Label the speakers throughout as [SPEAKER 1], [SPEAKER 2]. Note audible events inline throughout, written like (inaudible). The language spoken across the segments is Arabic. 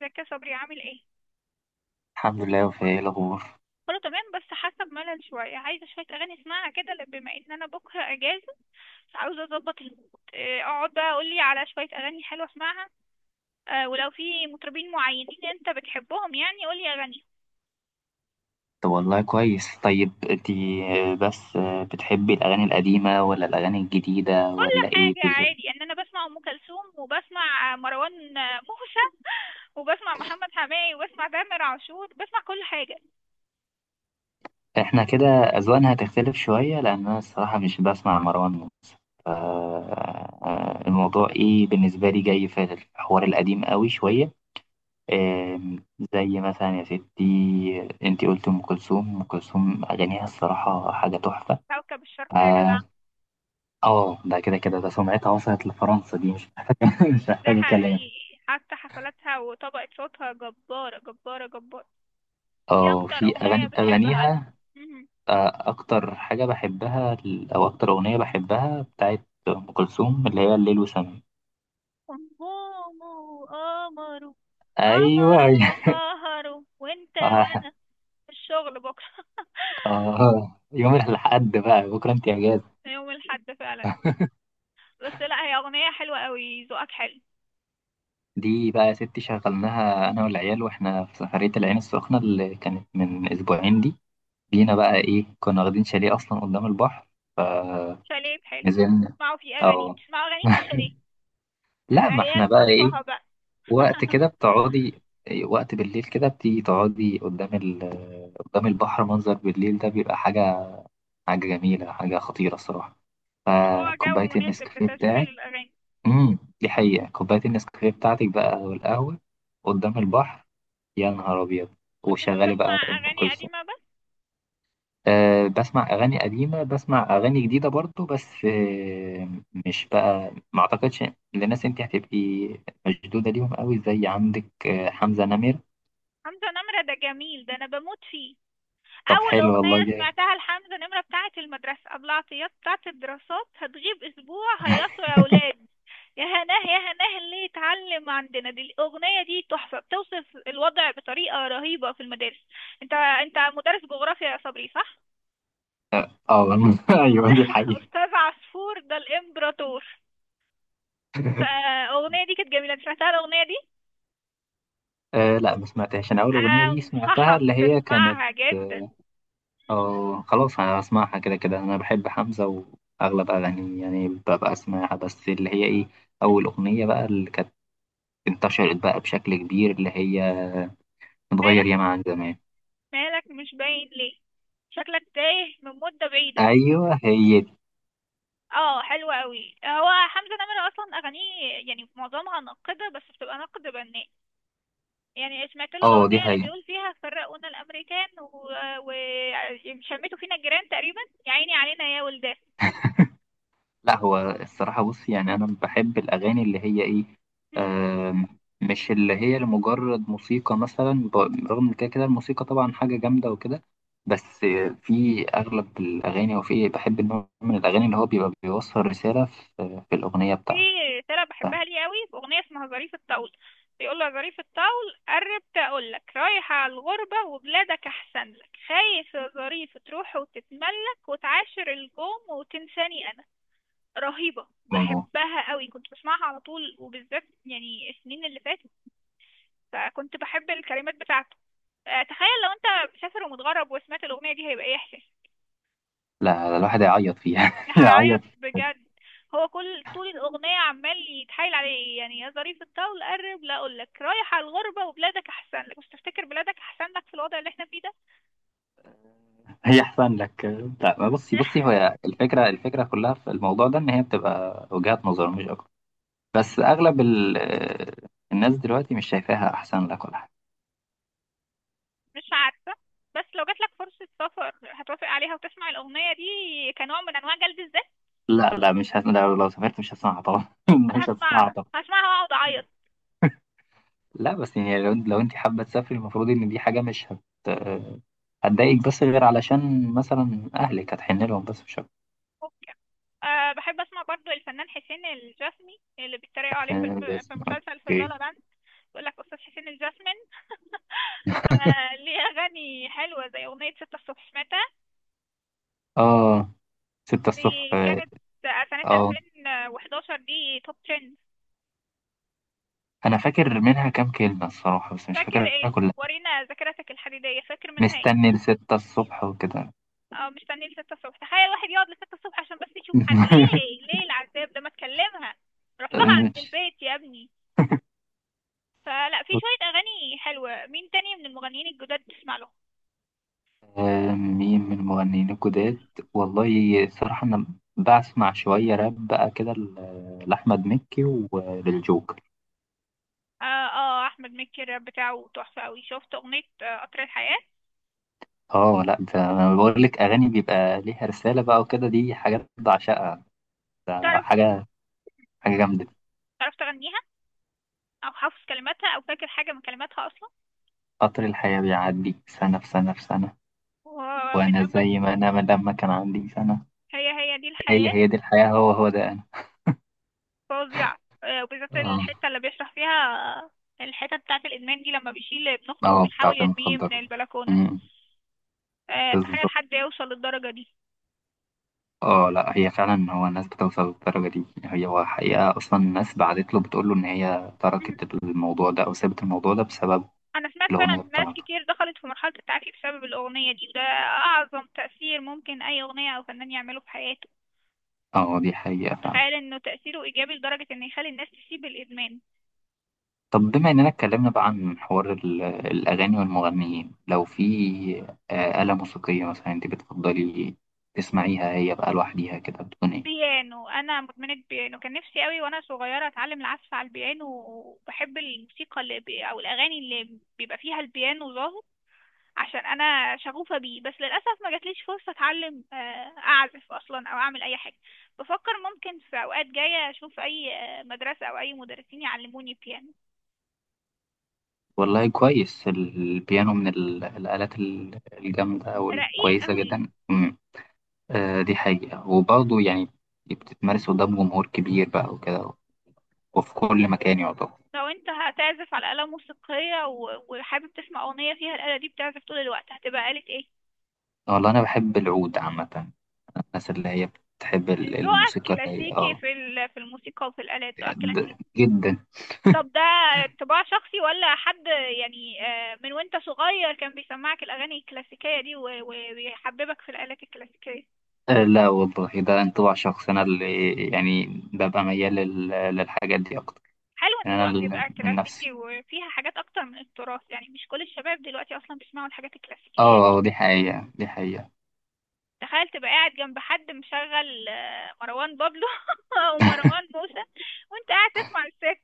[SPEAKER 1] ازيك يا صبري؟ عامل ايه؟
[SPEAKER 2] الحمد لله يا وفاء، ايه الاخبار؟
[SPEAKER 1] كله تمام بس حاسه بملل شويه، عايزه شويه اغاني اسمعها كده. بما ان انا بكره اجازه، عاوزه اظبط المود. اقعد بقى قولي على شويه اغاني حلوه اسمعها. ولو في مطربين معينين انت بتحبهم، يعني قولي اغاني.
[SPEAKER 2] طب والله كويس. طيب انتي آه، بس آه، بتحبي الاغاني القديمه ولا الاغاني الجديده
[SPEAKER 1] كل
[SPEAKER 2] ولا ايه
[SPEAKER 1] حاجه
[SPEAKER 2] بالظبط؟
[SPEAKER 1] عادي، ان انا بسمع ام كلثوم وبسمع مروان موسى. (laughs) وبسمع محمد حماقي وبسمع تامر عاشور، بسمع كل حاجه.
[SPEAKER 2] احنا كده اذواقنا هتختلف شويه لان انا الصراحه مش بسمع مروان. ف آه، الموضوع ايه بالنسبه لي؟ جاي في الحوار القديم قوي شويه. آم، زي مثلا يا ستي انتي قلت ام كلثوم. ام كلثوم اغانيها الصراحه حاجه تحفه.
[SPEAKER 1] كوكب
[SPEAKER 2] ف-
[SPEAKER 1] الشرق يا جدع.
[SPEAKER 2] اه ده كده ده سمعتها وصلت لفرنسا. دي مش محتاجه (laughs) مش
[SPEAKER 1] ده
[SPEAKER 2] محتاجه كلام.
[SPEAKER 1] حقيقي، حتى حفلاتها وطبقة صوتها جبارة جبارة جبارة. ايه
[SPEAKER 2] اه
[SPEAKER 1] اكتر
[SPEAKER 2] في
[SPEAKER 1] اغنية بتحبها؟
[SPEAKER 2] اغانيها.
[SPEAKER 1] مهم.
[SPEAKER 2] اكتر حاجه بحبها ال- او اكتر اغنيه بحبها بتاعت ام كلثوم اللي هي الليل وسماه.
[SPEAKER 1] همومه قمره.
[SPEAKER 2] ايوه،
[SPEAKER 1] قمره
[SPEAKER 2] أيوة.
[SPEAKER 1] سهره وانت
[SPEAKER 2] (laughs) اه.
[SPEAKER 1] وانا في الشغل بكرة. (laughs)
[SPEAKER 2] آه. يوم الحد بقى، بكره انت اجازه.
[SPEAKER 1] يوم الحد فعلا. بس لا، هي اغنية حلوة قوي، ذوقك حلو.
[SPEAKER 2] دي بقى يا ستي شغلناها انا والعيال واحنا في سفريه العين السخنه اللي كانت من اسبوعين دي.
[SPEAKER 1] مم.
[SPEAKER 2] جينا بقى ايه، كنا واخدين شاليه اصلا قدام البحر، فنزلنا.
[SPEAKER 1] شاليه حلو. اسمعوا في اغاني،
[SPEAKER 2] اه.
[SPEAKER 1] اسمعوا اغاني في
[SPEAKER 2] (laughs)
[SPEAKER 1] الشاليه.
[SPEAKER 2] لا ما احنا
[SPEAKER 1] عيال
[SPEAKER 2] بقى ايه،
[SPEAKER 1] مرفهة بقى.
[SPEAKER 2] وقت
[SPEAKER 1] (laughs)
[SPEAKER 2] كده بتقعدي، وقت بالليل كده بتيجي تقعدي قدام ال... قدام البحر، منظر بالليل ده بيبقى حاجة، حاجة جميلة، حاجة خطيرة الصراحة.
[SPEAKER 1] ما هو جو
[SPEAKER 2] فكوباية
[SPEAKER 1] مناسب
[SPEAKER 2] النسكافيه
[SPEAKER 1] لتشغيل
[SPEAKER 2] بتاعك...
[SPEAKER 1] الاغاني.
[SPEAKER 2] دي حقيقة. كوباية النسكافيه بتاعتك بقى والقهوة قدام البحر، يا نهار أبيض،
[SPEAKER 1] بس انت
[SPEAKER 2] وشغالي بقى
[SPEAKER 1] بتسمع
[SPEAKER 2] أم
[SPEAKER 1] اغاني
[SPEAKER 2] كلثوم.
[SPEAKER 1] قديمة بس؟
[SPEAKER 2] أه، بسمع أغاني قديمة، بسمع أغاني جديدة برضو، بس أه، مش بقى، ما أعتقدش للناس أنت هتبقي مشدودة ليهم قوي، زي عندك حمزة نمرة.
[SPEAKER 1] حمزة نمرة ده جميل، ده انا بموت فيه.
[SPEAKER 2] طب
[SPEAKER 1] اول
[SPEAKER 2] حلو والله،
[SPEAKER 1] اغنيه
[SPEAKER 2] جامد.
[SPEAKER 1] سمعتها لحمزه نمره بتاعه المدرسه، ابو العطيات بتاعه الدراسات، هتغيب اسبوع هيسوا يا اولاد، يا هناه يا هناه اللي يتعلم عندنا. دي الاغنيه دي تحفه، بتوصف الوضع بطريقه رهيبه في المدارس. انت مدرس جغرافيا يا صبري صح؟
[SPEAKER 2] اه والله. (laughs) ايوه دي
[SPEAKER 1] (laughs)
[SPEAKER 2] حقيقة.
[SPEAKER 1] استاذ عصفور ده الامبراطور. فالاغنيه دي كانت جميله، أنت سمعتها الاغنيه دي؟
[SPEAKER 2] آه لا ما سمعتهاش. انا اول اغنية دي سمعتها
[SPEAKER 1] انصحك
[SPEAKER 2] اللي هي كانت...
[SPEAKER 1] تسمعها جدا.
[SPEAKER 2] اه خلاص، انا بسمعها كده كده. انا بحب حمزة واغلب اغانيه، يعني ببقى اسمعها، بس اللي هي ايه، اول اغنية بقى اللي كانت انتشرت بقى بشكل كبير، اللي هي متغير
[SPEAKER 1] مالك؟
[SPEAKER 2] ياما عن زمان.
[SPEAKER 1] مالك مش باين ليه؟ شكلك تايه من مده بعيده.
[SPEAKER 2] ايوه هي دي.
[SPEAKER 1] اه حلو قوي، هو حمزة نمرة اصلا اغانيه يعني معظمها ناقدة بس بتبقى نقد بناء. يعني سمعت له
[SPEAKER 2] اه دي
[SPEAKER 1] الاغنية اللي
[SPEAKER 2] حقيقة.
[SPEAKER 1] بيقول فيها فرقونا الامريكان وشمتوا فينا الجيران تقريبا، يا عيني علينا يا ولدان.
[SPEAKER 2] لا هو الصراحة بص، يعني أنا بحب الأغاني اللي هي إيه،
[SPEAKER 1] مم.
[SPEAKER 2] آم، مش اللي هي لمجرد موسيقى مثلا، رغم إن كده كده الموسيقى طبعا حاجة جامدة وكده، بس في أغلب الأغاني، أو في بحب النوع من الأغاني اللي هو بيبقى بيوصل رسالة في الأغنية
[SPEAKER 1] في
[SPEAKER 2] بتاعته.
[SPEAKER 1] رسالة
[SPEAKER 2] فاهم؟
[SPEAKER 1] بحبها ليه قوي في اغنية اسمها ظريف الطول. بيقول له يا ظريف الطول قربت اقول لك رايحة على الغربة وبلادك احسن لك، خايف يا ظريف تروح وتتملك وتعاشر الجوم وتنساني انا. رهيبة،
[SPEAKER 2] أوه.
[SPEAKER 1] بحبها قوي، كنت بسمعها على طول وبالذات يعني السنين اللي فاتت. فكنت بحب الكلمات بتاعته. تخيل لو انت مسافر ومتغرب وسمعت الأغنية دي، هيبقى ايه احساسك؟
[SPEAKER 2] لا الواحد يعيط فيها (laughs)
[SPEAKER 1] هعيط
[SPEAKER 2] يعيط.
[SPEAKER 1] بجد. هو كل طول الأغنية عمال يتحايل عليه، يعني يا ظريف الطول قرب لا أقول لك رايح على الغربة وبلادك أحسن لك، مش تفتكر بلادك أحسن لك في الوضع اللي احنا فيه ده؟
[SPEAKER 2] هي أحسن لك. لا بصي بصي، هو
[SPEAKER 1] (laughs)
[SPEAKER 2] الفكرة، الفكرة كلها في الموضوع ده إن هي بتبقى وجهات نظر مش أكتر. بس اغلب ال... الناس دلوقتي مش شايفاها احسن لك ولا حاجه.
[SPEAKER 1] مش عارفة. بس لو جاتلك فرصة سفر، هتوافق عليها وتسمع الأغنية دي كنوع من أنواع جلد الذات؟
[SPEAKER 2] لا، مش هس... لو سافرت مش هسمعها طبعا، (laughs)
[SPEAKER 1] أنا
[SPEAKER 2] مش هسمعها
[SPEAKER 1] هسمعها،
[SPEAKER 2] طبعا.
[SPEAKER 1] هسمعها وأقعد أعيط.
[SPEAKER 2] لا بس يعني لو انت حابه تسافري، المفروض ان دي حاجه مش هت... هتضايقك، بس غير علشان مثلا اهلك هتحن لهم، بس مش اكتر.
[SPEAKER 1] ممكن. أه بحب اسمع برضو الفنان حسين الجسمي، اللي بيتريقوا عليه في
[SPEAKER 2] فاهم
[SPEAKER 1] في
[SPEAKER 2] الجزم.
[SPEAKER 1] مسلسل في
[SPEAKER 2] اوكي.
[SPEAKER 1] اللالا لاند، بيقول لك استاذ حسين الجسمي ليه؟ (laughs) اغاني حلوه زي اغنيه ستة الصبح متى.
[SPEAKER 2] اه ستة الصبح.
[SPEAKER 1] دي كانت سنه
[SPEAKER 2] اه
[SPEAKER 1] 2011، دي توب 10.
[SPEAKER 2] انا فاكر منها كام كلمه الصراحه، بس مش
[SPEAKER 1] فاكر
[SPEAKER 2] فاكرها
[SPEAKER 1] ايه؟
[SPEAKER 2] كلها.
[SPEAKER 1] ورينا ذاكرتك الحديديه، فاكر منها ايه؟
[SPEAKER 2] مستني لستة الصبح وكده.
[SPEAKER 1] اه مستني لستة الصبح، تخيل واحد يقعد لستة الصبح عشان بس يشوف حد،
[SPEAKER 2] (laughs)
[SPEAKER 1] ليه ليه العذاب ده؟ ما تكلمها، روح لها عند
[SPEAKER 2] مش...
[SPEAKER 1] البيت يا ابني. فلا، في شوية أغاني حلوة. مين تاني من المغنيين الجداد تسمع لهم؟
[SPEAKER 2] مين من المغنيين الجداد؟ والله صراحة أنا بسمع شوية راب بقى كده، لأحمد مكي وللجوكر.
[SPEAKER 1] آه أحمد مكي الراب بتاعه تحفة أوي، شفت أغنية قطر الحياة؟
[SPEAKER 2] اه لا، ده أنا بقول لك أغاني بيبقى ليها رسالة بقى وكده، دي حاجات بعشقها. ده
[SPEAKER 1] تعرف،
[SPEAKER 2] حاجة، حاجة جامدة.
[SPEAKER 1] تعرف تغنيها؟ أو حافظ كلماتها، أو فاكر حاجة من كلماتها أصلا؟
[SPEAKER 2] قطر الحياة بيعدي، سنة في سنة في سنة،
[SPEAKER 1] ومن
[SPEAKER 2] وأنا
[SPEAKER 1] لما
[SPEAKER 2] زي ما أنا لما كان عندي سنة.
[SPEAKER 1] هي هي دي
[SPEAKER 2] هي
[SPEAKER 1] الحياة.
[SPEAKER 2] هي دي الحياة، هو هو ده أنا.
[SPEAKER 1] فظيعة، آه، وبالذات
[SPEAKER 2] اه.
[SPEAKER 1] الحتة اللي بيشرح فيها الحتة بتاعة الإدمان دي، لما بيشيل ابن أخته
[SPEAKER 2] اه
[SPEAKER 1] وبيحاول
[SPEAKER 2] بتاعت
[SPEAKER 1] يرميه من
[SPEAKER 2] المخدرات.
[SPEAKER 1] البلكونة.
[SPEAKER 2] أمم،
[SPEAKER 1] آه تخيل
[SPEAKER 2] بالظبط.
[SPEAKER 1] حد يوصل للدرجة دي.
[SPEAKER 2] اه لا هي فعلا، هو الناس بتوصل للدرجة دي. هي هو حقيقة أصلا الناس بعتت له بتقول له إن هي تركت الموضوع ده أو سابت الموضوع ده بسبب
[SPEAKER 1] انا سمعت فعلا
[SPEAKER 2] الأغنية
[SPEAKER 1] ناس
[SPEAKER 2] بتاعته.
[SPEAKER 1] كتير دخلت في مرحلة التعافي بسبب الاغنية دي، وده اعظم تأثير ممكن اي اغنية او فنان يعمله في حياته.
[SPEAKER 2] اه دي حقيقة فعلا.
[SPEAKER 1] تخيل انه تأثيره ايجابي لدرجة انه يخلي الناس تسيب الادمان.
[SPEAKER 2] طب بما إننا اتكلمنا بقى عن حوار الأغاني والمغنيين، لو في آلة موسيقية مثلا أنت بتفضلي تسمعيها هي بقى لوحديها كده، بتكون إيه؟
[SPEAKER 1] بيانو، انا مدمنة بيانو، كان نفسي قوي وانا صغيرة اتعلم العزف على البيانو، وبحب الموسيقى او الاغاني اللي بيبقى فيها البيانو ظاهر، عشان انا شغوفه بيه. بس للاسف ما جاتليش فرصه اتعلم اعزف اصلا او اعمل اي حاجه. بفكر ممكن في اوقات جايه اشوف اي مدرسه او اي مدرسين يعلموني بيانو.
[SPEAKER 2] والله كويس، البيانو من الآلات الجامدة
[SPEAKER 1] رقيق
[SPEAKER 2] والكويسة
[SPEAKER 1] قوي.
[SPEAKER 2] جدا. دي حقيقة. وبرضه يعني بتتمارس قدام جمهور كبير بقى وكده، وفي كل مكان يعتبر.
[SPEAKER 1] لو انت هتعزف على آلة موسيقية وحابب تسمع أغنية فيها الآلة دي بتعزف طول الوقت، هتبقى آلة ايه؟
[SPEAKER 2] والله أنا بحب العود عامة، الناس اللي هي بتحب
[SPEAKER 1] ذوقك
[SPEAKER 2] الموسيقى اللي هي
[SPEAKER 1] كلاسيكي
[SPEAKER 2] اه
[SPEAKER 1] في في الموسيقى وفي الآلات، ذوقك كلاسيكي.
[SPEAKER 2] جدا.
[SPEAKER 1] طب ده طباع شخصي ولا حد، يعني من وانت صغير كان بيسمعك الأغاني الكلاسيكية دي ويحببك في الآلات الكلاسيكية؟
[SPEAKER 2] لا والله ده انطباع شخصي أنا، اللي يعني ببقى ميال للحاجات دي أكتر.
[SPEAKER 1] حلو
[SPEAKER 2] يعني
[SPEAKER 1] ان
[SPEAKER 2] أنا
[SPEAKER 1] ذوقك يبقى
[SPEAKER 2] من نفسي
[SPEAKER 1] كلاسيكي وفيها حاجات اكتر من التراث، يعني مش كل الشباب دلوقتي اصلا بيسمعوا الحاجات
[SPEAKER 2] اه،
[SPEAKER 1] الكلاسيكية دي.
[SPEAKER 2] دي حقيقة، دي حقيقة.
[SPEAKER 1] تخيل تبقى قاعد جنب حد مشغل مروان بابلو (laughs) او مروان موسى وانت قاعد تسمع الست.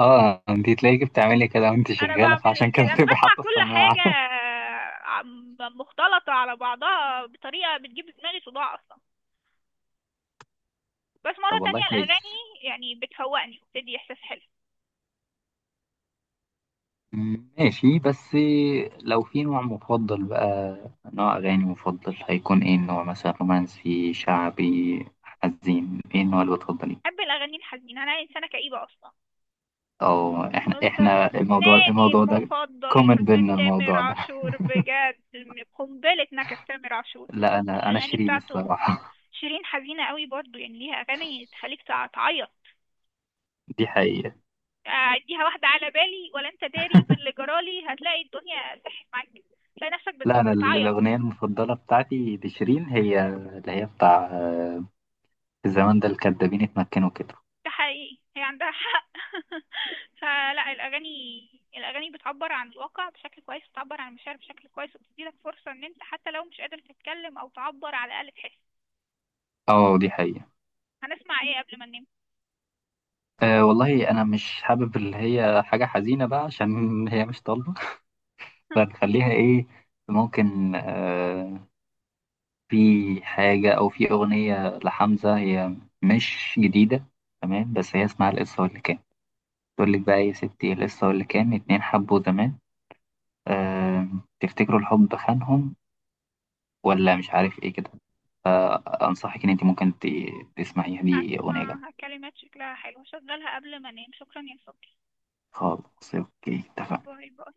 [SPEAKER 2] اه انتي تلاقيكي بتعملي كده وانتي
[SPEAKER 1] انا
[SPEAKER 2] شغالة، فعشان
[SPEAKER 1] بعمل
[SPEAKER 2] كده
[SPEAKER 1] كده، انا
[SPEAKER 2] بتبقي
[SPEAKER 1] بسمع
[SPEAKER 2] حاطة
[SPEAKER 1] كل حاجة
[SPEAKER 2] السماعة. (laughs)
[SPEAKER 1] مختلطة على بعضها بطريقة بتجيب دماغي صداع اصلا. بس مرة
[SPEAKER 2] طب والله
[SPEAKER 1] تانية
[SPEAKER 2] كويس.
[SPEAKER 1] الأغاني يعني بتفوقني وبتدي إحساس حلو.
[SPEAKER 2] ماشي، بس لو في نوع مفضل بقى، نوع أغاني مفضل هيكون إيه النوع؟ مثلا رومانسي، شعبي، حزين، إيه النوع اللي بتفضليه؟
[SPEAKER 1] بحب الأغاني الحزينة، أنا إنسانة كئيبة أصلا.
[SPEAKER 2] أو إحنا، إحنا الموضوع،
[SPEAKER 1] فناني
[SPEAKER 2] الموضوع ده
[SPEAKER 1] المفضل
[SPEAKER 2] كومن
[SPEAKER 1] الفنان
[SPEAKER 2] بينا،
[SPEAKER 1] تامر
[SPEAKER 2] الموضوع ده. (laughs)
[SPEAKER 1] عاشور، بجد قنبلة نكد تامر عاشور.
[SPEAKER 2] لا أنا، أنا
[SPEAKER 1] الأغاني
[SPEAKER 2] شيرين
[SPEAKER 1] بتاعته،
[SPEAKER 2] الصراحة.
[SPEAKER 1] شيرين حزينة قوي برضو، يعني ليها أغاني تخليك تعيط.
[SPEAKER 2] (laughs) دي حقيقة.
[SPEAKER 1] أديها واحدة، على بالي ولا أنت داري باللي جرالي، هتلاقي الدنيا سحت معاك، تلاقي نفسك
[SPEAKER 2] لا أنا
[SPEAKER 1] بتعيط.
[SPEAKER 2] الأغنية المفضلة بتاعتي لشيرين هي اللي هي بتاع في الزمان ده الكدابين اتمكنوا كده.
[SPEAKER 1] ده حقيقي، هي عندها حق. (laughs) فلا الأغاني، الأغاني بتعبر عن الواقع بشكل كويس، بتعبر عن المشاعر بشكل كويس، وبتديلك فرصة إن أنت حتى لو مش قادر تتكلم أو تعبر على الأقل تحس.
[SPEAKER 2] أه دي حقيقة.
[SPEAKER 1] هنسمع إيه قبل ما ننام؟
[SPEAKER 2] أه والله أنا مش حابب اللي هي حاجة حزينة بقى، عشان هي مش طالبة،
[SPEAKER 1] (laughs)
[SPEAKER 2] فنخليها ايه، ممكن آه، في حاجة أو في أغنية لحمزة، هي مش جديدة تمام، بس هي اسمها القصة واللي كان. تقول لك بقى إيه يا ستي، القصة واللي كان اتنين حبوا زمان، آه، تفتكروا الحب خانهم، ولا مش عارف ايه كده. أنصحك إن انت ممكن تسمعيها، دي أغنية جامدة.
[SPEAKER 1] هسمع كلمات شكلها حلو، هشغلها قبل ما أنام. شكرا يا صبري.
[SPEAKER 2] خلاص اوكي، اتفقنا.
[SPEAKER 1] باي باي.